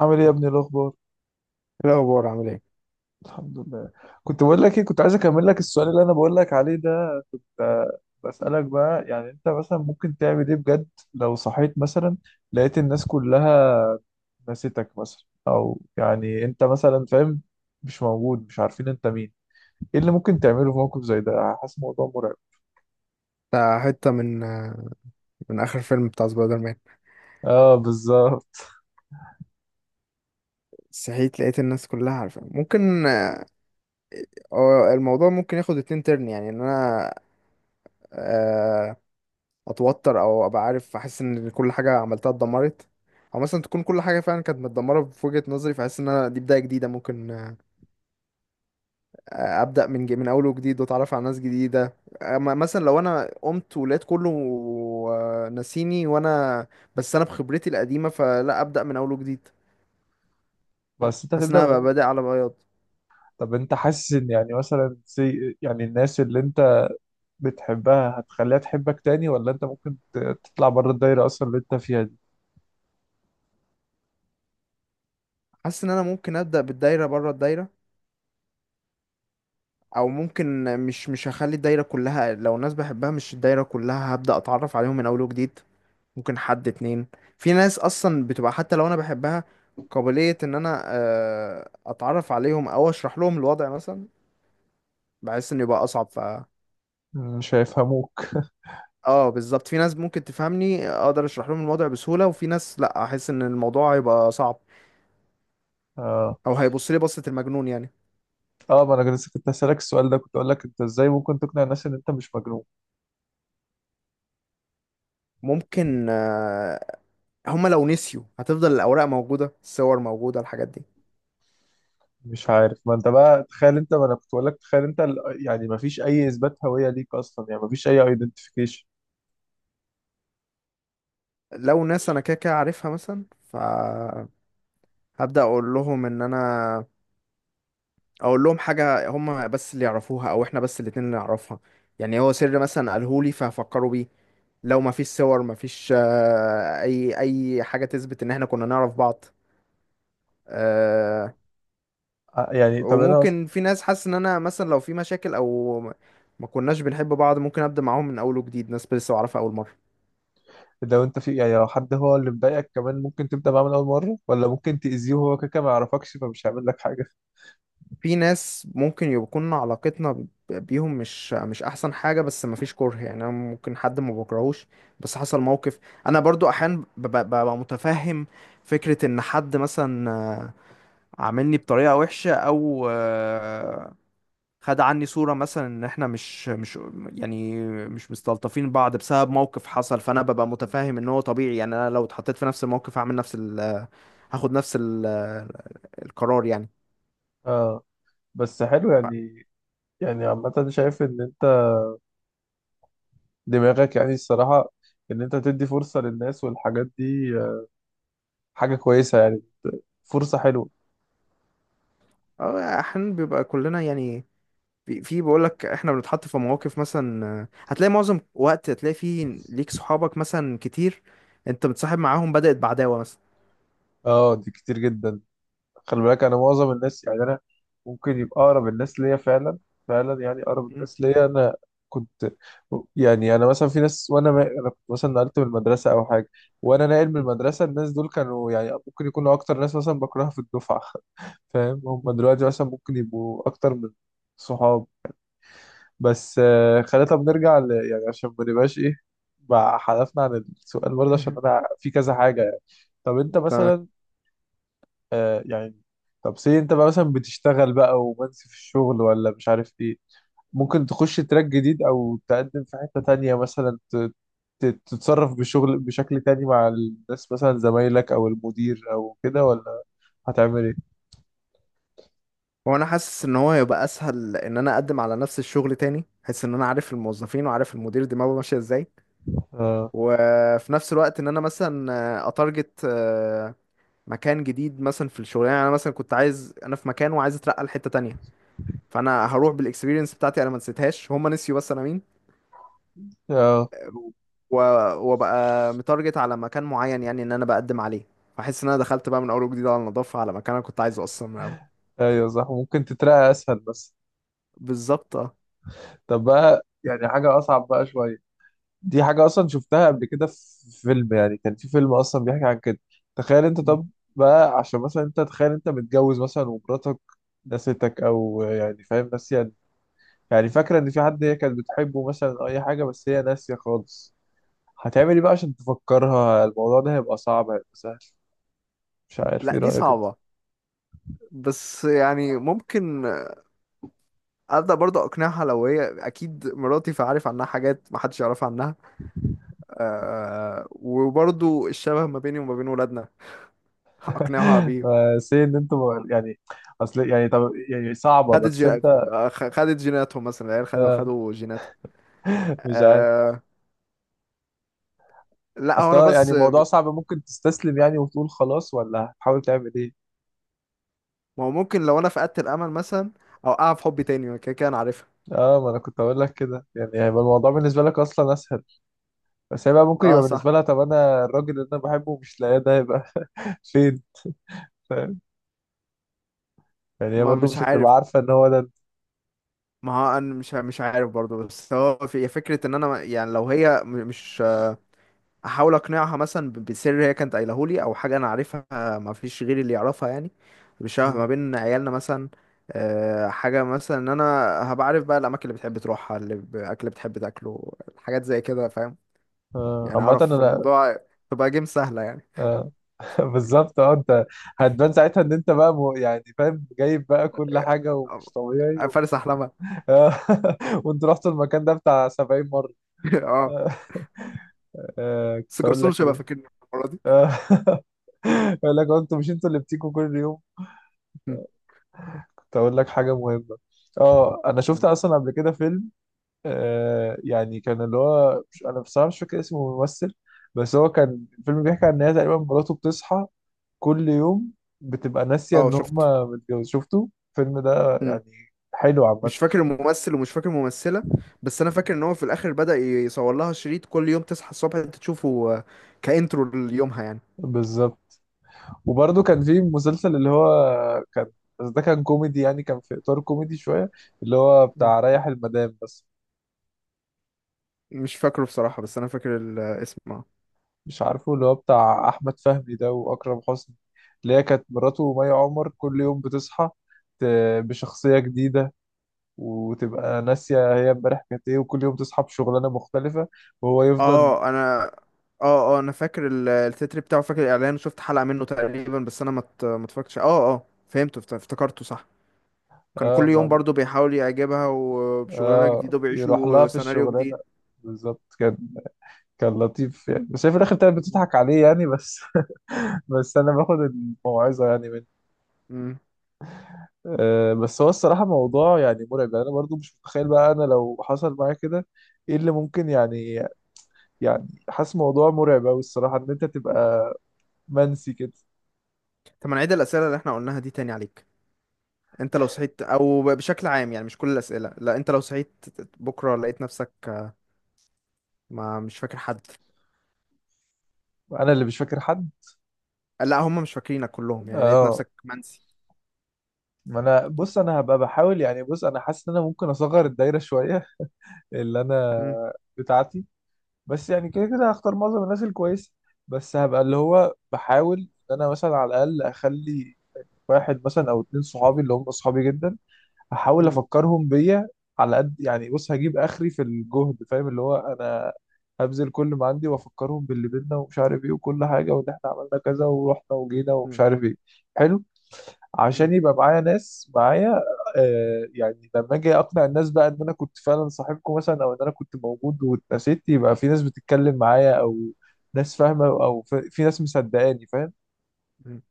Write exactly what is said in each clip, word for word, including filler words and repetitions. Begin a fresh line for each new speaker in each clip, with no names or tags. عامل ايه يا ابني الاخبار؟
إيه الأخبار، عامل ايه؟
الحمد لله. كنت بقول لك ايه، كنت عايز اكمل لك السؤال اللي انا بقول لك عليه ده. ف- بسألك بقى، يعني انت مثلا ممكن تعمل ايه بجد؟ لو صحيت مثلا، لقيت الناس كلها نسيتك مثلا، او يعني انت مثلا فاهم، مش موجود، مش عارفين انت مين. ايه اللي ممكن تعمله في موقف زي ده؟ حاسس الموضوع مرعب.
ده حتة من من آخر فيلم بتاع سبايدر مان.
اه بالظبط.
صحيت لقيت الناس كلها عارفة، ممكن آه، الموضوع ممكن ياخد اتنين ترن، يعني إن أنا آه، أتوتر أو أبقى عارف، أحس إن كل حاجة عملتها اتدمرت، أو مثلا تكون كل حاجة فعلا كانت متدمرة في وجهة نظري، فأحس إن أنا دي بداية جديدة، ممكن آه، أبدأ من ج- من أول وجديد، وأتعرف على ناس جديدة. آه، م- مثلا لو أنا قمت ولقيت كله آه، ناسيني، وأنا بس أنا بخبرتي القديمة، فلا أبدأ من أول وجديد.
بس انت
حاسس ان انا بقى
هتبدأ.
بادئ على بياض.
طب انت حاسس ان يعني مثلا زي، يعني الناس اللي انت بتحبها هتخليها تحبك تاني، ولا انت ممكن ت- تطلع بره الدايرة اصلا اللي انت فيها دي؟
حاسس ان انا ممكن ابدا بالدايره بره الدايره، او ممكن مش مش هخلي الدايره كلها، لو الناس بحبها مش الدايره كلها، هبدا اتعرف عليهم من اول وجديد. ممكن حد اتنين، في ناس اصلا بتبقى حتى لو انا بحبها قابليه ان انا آه، اتعرف عليهم او اشرح لهم الوضع مثلا، بحس ان يبقى اصعب، ف
مش هيفهموك.
اه بالظبط. في ناس ممكن تفهمني، اقدر اشرح لهم الوضع بسهوله، وفي ناس لا، احس ان الموضوع هيبقى صعب،
اه.
او هيبص لي بصه المجنون يعني.
اه، ما انا كنت كنت هسألك السؤال ده، كنت اقول لك انت ازاي ممكن تقنع الناس ان انت مش مجنون؟
ممكن آه، هما لو نسيوا هتفضل الأوراق موجودة، الصور موجودة، الحاجات دي.
مش عارف، ما انت بقى تخيل انت، ما انا كنت بقول لك تخيل انت ال- يعني ما فيش اي اثبات هوية ليك اصلا، يعني ما فيش اي ايدنتيفيكيشن.
لو ناس أنا كده كده عارفها مثلا، فهبدأ أقول لهم إن أنا أقول لهم حاجة هما بس اللي يعرفوها، أو إحنا بس الاتنين اللي نعرفها، يعني هو سر مثلا قالهولي فهفكروا بيه. لو مفيش صور، مفيش آه، أي أي حاجة تثبت إن إحنا كنا نعرف بعض. آه،
يعني طب انا أص-
وممكن في ناس حاسس إن أنا مثلا لو في مشاكل أو ما كناش بنحب بعض، ممكن أبدأ معاهم من أول وجديد، ناس لسه أعرفها أول مرة.
لو انت في، يعني لو حد هو اللي مضايقك كمان، ممكن تبدأ معاه من اول مرة، ولا ممكن تأذيه وهو كده كده ما يعرفكش فمش هيعمل لك حاجة؟
في ناس ممكن يكون علاقتنا ب- بيهم مش مش احسن حاجه، بس مفيش كره، يعني انا ممكن حد ما بكرهوش، بس حصل موقف. انا برضو احيانا ببقى ببقى متفهم فكره ان حد مثلا آه، عاملني بطريقه وحشه، او آه، خد عني صوره مثلا، ان احنا مش مش يعني مش مستلطفين بعض بسبب موقف حصل، فانا ببقى متفهم ان هو طبيعي، يعني انا لو اتحطيت في نفس الموقف هعمل نفس ال هاخد نفس ال القرار يعني.
اه. بس حلو يعني، يعني عامة شايف ان دماغك يعني الصراحة، إن أنت تدي فرصة للناس والحاجات دي، آه، حاجة كويسة يعني، فرصة حلوة.
آه، احيانا بيبقى كلنا يعني في في بقول لك احنا بنتحط في مواقف مثلا، آه، هتلاقي معظم وقت هتلاقي فيه ليك صحابك مثلا كتير، انت متصاحب معاهم بدأت بعداوة مثلا.
اه دي كتير جدا. خلي بالك أنا معظم الناس، يعني أنا ممكن يبقى أقرب الناس ليا فعلا، فعلا يعني أقرب
مم.
الناس ليا أنا كنت، يعني أنا مثلا في ناس وأنا ما... أنا كنت مثلا نقلت من المدرسة أو حاجة، وأنا ناقل من المدرسة الناس دول كانوا يعني ممكن يكونوا أكتر ناس مثلا بكرهها في الدفعة. فاهم، هم دلوقتي مثلا ممكن يبقوا أكتر من صحاب. بس آه، خلينا طب نرجع ل... يعني عشان ما نبقاش ايه، بقى حذفنا عن السؤال برضه عشان انا في كذا حاجه يعني. طب انت
تمام.
مثلا، آه يعني طب سي انت بقى مثلا بتشتغل بقى ومنسي في الشغل ولا مش عارف ايه، ممكن تخش تراك جديد او تقدم في حته تانية مثلا ت... ت... تتصرف بشغل بشكل تاني مع الناس مثلا زمايلك او المدير او كده، ولا هتعمل ايه؟
وانا حاسس ان هو هيبقى اسهل ان انا اقدم على نفس الشغل تاني، حاسس ان انا عارف الموظفين وعارف المدير دماغه ماشيه ازاي،
اه.
وفي نفس الوقت ان انا مثلا آه، اتارجت آه، مكان جديد مثلا في الشغلانه، يعني انا مثلا كنت عايز انا في مكان وعايز اترقى لحته تانية، فانا هروح بالاكسبيرينس بتاعتي انا ما نسيتهاش، هم نسيوا بس انا مين.
اه
و... وبقى متارجت على مكان معين، يعني ان انا بقدم عليه، فاحس ان انا دخلت بقى من اول وجديد على النظافه، على مكان انا كنت عايزه اصلا من الاول.
ايوه صح، ممكن تترقى اسهل بس.
بالظبط اه.
طب بقى يعني حاجه اصعب بقى شويه، دي حاجة أصلا شفتها قبل كده في فيلم، يعني كان في فيلم أصلا بيحكي عن كده. تخيل أنت،
مم.
طب بقى عشان مثلا أنت تخيل أنت متجوز مثلا، ومراتك نسيتك، أو يعني فاهم ناسية، يعني فاكرة إن في حد هي كانت بتحبه مثلا أو أي حاجة، بس هي ناسية خالص. هتعمل إيه بقى عشان تفكرها؟ الموضوع ده هيبقى صعب، هيبقى سهل؟ مش عارف،
لا
إيه
دي
رأيك أنت؟
صعبه، بس يعني ممكن ابدا برضه اقنعها، لو هي اكيد مراتي فعارف عنها حاجات محدش يعرف عنها. أه، وبرضه الشبه ما بيني وما بين ولادنا اقنعها بيه.
بس إيه إن أنت، يعني أصل يعني، طب يعني صعبة
خدت
بس
جي...
أنت.
آه، خ- خدت جيناتهم مثلا، العيال خدوا خدوا جيناتهم.
مش عارف،
أه. لا هو
اصل
انا
هو يعني
بس
الموضوع صعب، ممكن تستسلم يعني وتقول خلاص، ولا هتحاول تعمل ايه؟
ما هو ممكن لو انا فقدت الامل مثلا اوقعها في حب تاني، ما كده كده انا عارفها.
اه، ما انا كنت اقول لك كده، يعني هيبقى الموضوع بالنسبه لك اصلا اسهل، بس هي بقى ممكن
اه
يبقى
صح.
بالنسبه لها، طب انا الراجل اللي انا بحبه مش لاقيه ده هيبقى فين؟ فاهم، يعني هي
ما
برضه
مش
مش
عارف،
هتبقى عارفه ان هو ده انت.
ما هو انا مش مش عارف برضه، بس هو في فكره ان انا يعني لو هي م- مش احاول اقنعها مثلا ب- بسر هي كانت قايله لي، او حاجه انا عارفها ما فيش غيري اللي يعرفها يعني، بشبه
مم.
ما بين عيالنا مثلا. آه، حاجه مثلا ان انا هبقى عارف بقى الاماكن اللي بتحب تروحها، اللي ب- اكل اللي بتحب تاكله، حاجات زي كده فاهم،
آه،
يعني
عامة
اعرف
انا،
الموضوع تبقى جيم سهله يعني.
آه. بالظبط اه، انت هتبان ساعتها ان انت بقى مو- يعني فاهم جايب بقى كل حاجة ومش طبيعي
آه،
و...
فارس احلامها.
آه. وانت رحت المكان ده بتاع سبعين مرة.
اه،
آه. آه،
بس
كنت اقول
جرسون
لك
مش هيبقى
إيه؟
فاكرني المرة دي.
يقول لك انتوا مش انتوا اللي بتيجوا كل يوم.
مم.
كنت اقول لك حاجه مهمه، اه انا شفت اصلا قبل كده فيلم، آه يعني كان اللي هو، مش انا بصراحه مش فاكر اسمه الممثل، بس هو كان الفيلم بيحكي عن ان هي تقريبا مراته بتصحى كل يوم بتبقى ناسيه
اه
ان
شفته.
هما متجوز. شفتوا الفيلم ده
مم.
يعني؟ حلو عامه.
مش فاكر الممثل ومش فاكر الممثلة، بس انا فاكر ان هو في الاخر بدأ يصور لها شريط كل يوم تصحى الصبح انت تشوفه آه، كإنترو ليومها يعني.
بالظبط. وبرده كان في مسلسل اللي هو كان، بس ده كان كوميدي يعني، كان في اطار كوميدي شويه، اللي هو
مم.
بتاع ريح المدام بس.
مش فاكره بصراحة، بس انا فاكر الاسم اه.
مش عارفه، اللي هو بتاع احمد فهمي ده واكرم حسني، اللي هي كانت مراته مي عمر كل يوم بتصحى ت- بشخصيه جديده، وتبقى ناسيه هي امبارح كانت ايه، وكل يوم تصحى بشغلانه مختلفه، وهو يفضل،
اه انا اه اه انا فاكر ال- التتر بتاعه، فاكر الاعلان، شفت حلقة منه تقريبا، بس انا ما ات- ما اتفرجتش، اه اه، فهمته، افت- افتكرته صح. كان
اه
كل يوم
ما
برضو بيحاول يعجبها وبشغلانة
اه
جديدة
يروح لها
وبيعيشوا
في
سيناريو جديد.
الشغلانه. بالظبط، كان كان لطيف يعني، بس هي في الاخر كانت بتضحك عليه يعني بس. بس انا باخد الموعظه يعني منه.
مم.
آه، بس هو الصراحه موضوع يعني مرعب، يعني انا برضو مش متخيل بقى انا لو حصل معايا كده ايه اللي ممكن يعني، يعني حاسس موضوع مرعب قوي الصراحه، ان انت تبقى منسي كده.
طب ما نعيد الأسئلة اللي احنا قلناها دي تاني عليك. انت لو صحيت، او ب- بشكل عام، يعني مش كل الأسئلة، لا انت لو صحيت بكرة لقيت نفسك، آه، ما مش فاكر حد.
انا اللي مش فاكر حد.
لا هم مش فاكرينك كلهم، يعني لقيت
اه،
نفسك منسي.
ما انا بص، انا هبقى بحاول، يعني بص انا حاسس ان انا ممكن اصغر الدايره شويه اللي انا
مم،
بتاعتي، بس يعني كده كده هختار معظم الناس الكويسه، بس هبقى اللي هو بحاول ان انا مثلا على الاقل اخلي واحد مثلا او اتنين صحابي اللي هم صحابي جدا، هحاول
مم،
افكرهم بيا على قد، يعني بص هجيب اخري في الجهد، فاهم؟ اللي هو انا هبذل كل ما عندي، وافكرهم باللي بينا ومش عارف ايه وكل حاجه، وان احنا عملنا كذا ورحنا وجينا ومش
مم،
عارف ايه. حلو،
مم،
عشان يبقى معايا ناس معايا. آه يعني لما اجي اقنع الناس بقى ان انا كنت فعلا صاحبكم مثلا، او ان انا كنت موجود واتنسيت، يبقى في ناس بتتكلم معايا، او ناس فاهمه، او ف- في ناس مصدقاني، فاهم؟
مم.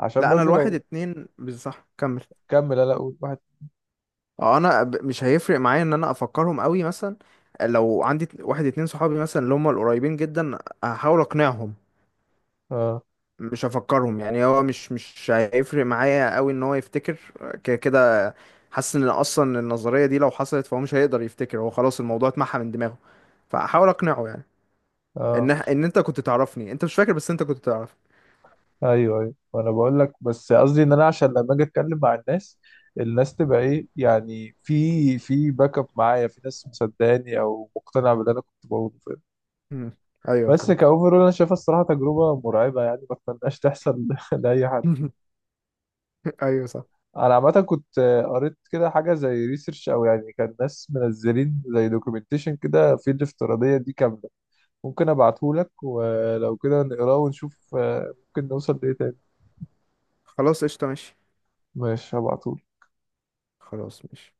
عشان
لا انا
برضو
الواحد
لو،
اتنين بز- صح، كمل.
كمل، لا اقول واحد.
اه انا ب- مش هيفرق معايا ان انا افكرهم قوي مثلا، لو عندي ات- واحد اتنين صحابي مثلا اللي هم القريبين جدا، هحاول اقنعهم،
اه.
مش هفكرهم يعني، هو مش مش هيفرق معايا قوي ان هو يفتكر، كده كده حاسس ان اصلا النظريه دي لو حصلت فهو مش هيقدر يفتكر، هو خلاص الموضوع اتمحى من دماغه، فاحاول اقنعه يعني، ان
اه
ان انت كنت تعرفني، انت مش فاكر بس انت كنت تعرفني.
ايوه ايوه، وانا بقول لك، بس قصدي ان انا عشان لما اجي اتكلم مع الناس، الناس تبقى ايه يعني، في في باك اب معايا، في ناس مصدقاني او مقتنعه باللي انا كنت بقوله، فاهم؟
مم. ايوه
بس
فهمت.
كاوفرول انا شايفها الصراحه تجربه مرعبه يعني، ما اتمناش تحصل لاي حد.
ايوه صح.
انا عامه كنت قريت كده حاجه زي ريسيرش، او يعني كان ناس منزلين زي دوكيومنتيشن كده في الافتراضيه دي كامله، ممكن ابعته لك ولو كده نقراه ونشوف، آه، ممكن نوصل لايه تاني.
خلاص قشطه ماشي.
ماشي هبعته.
خلاص ماشي.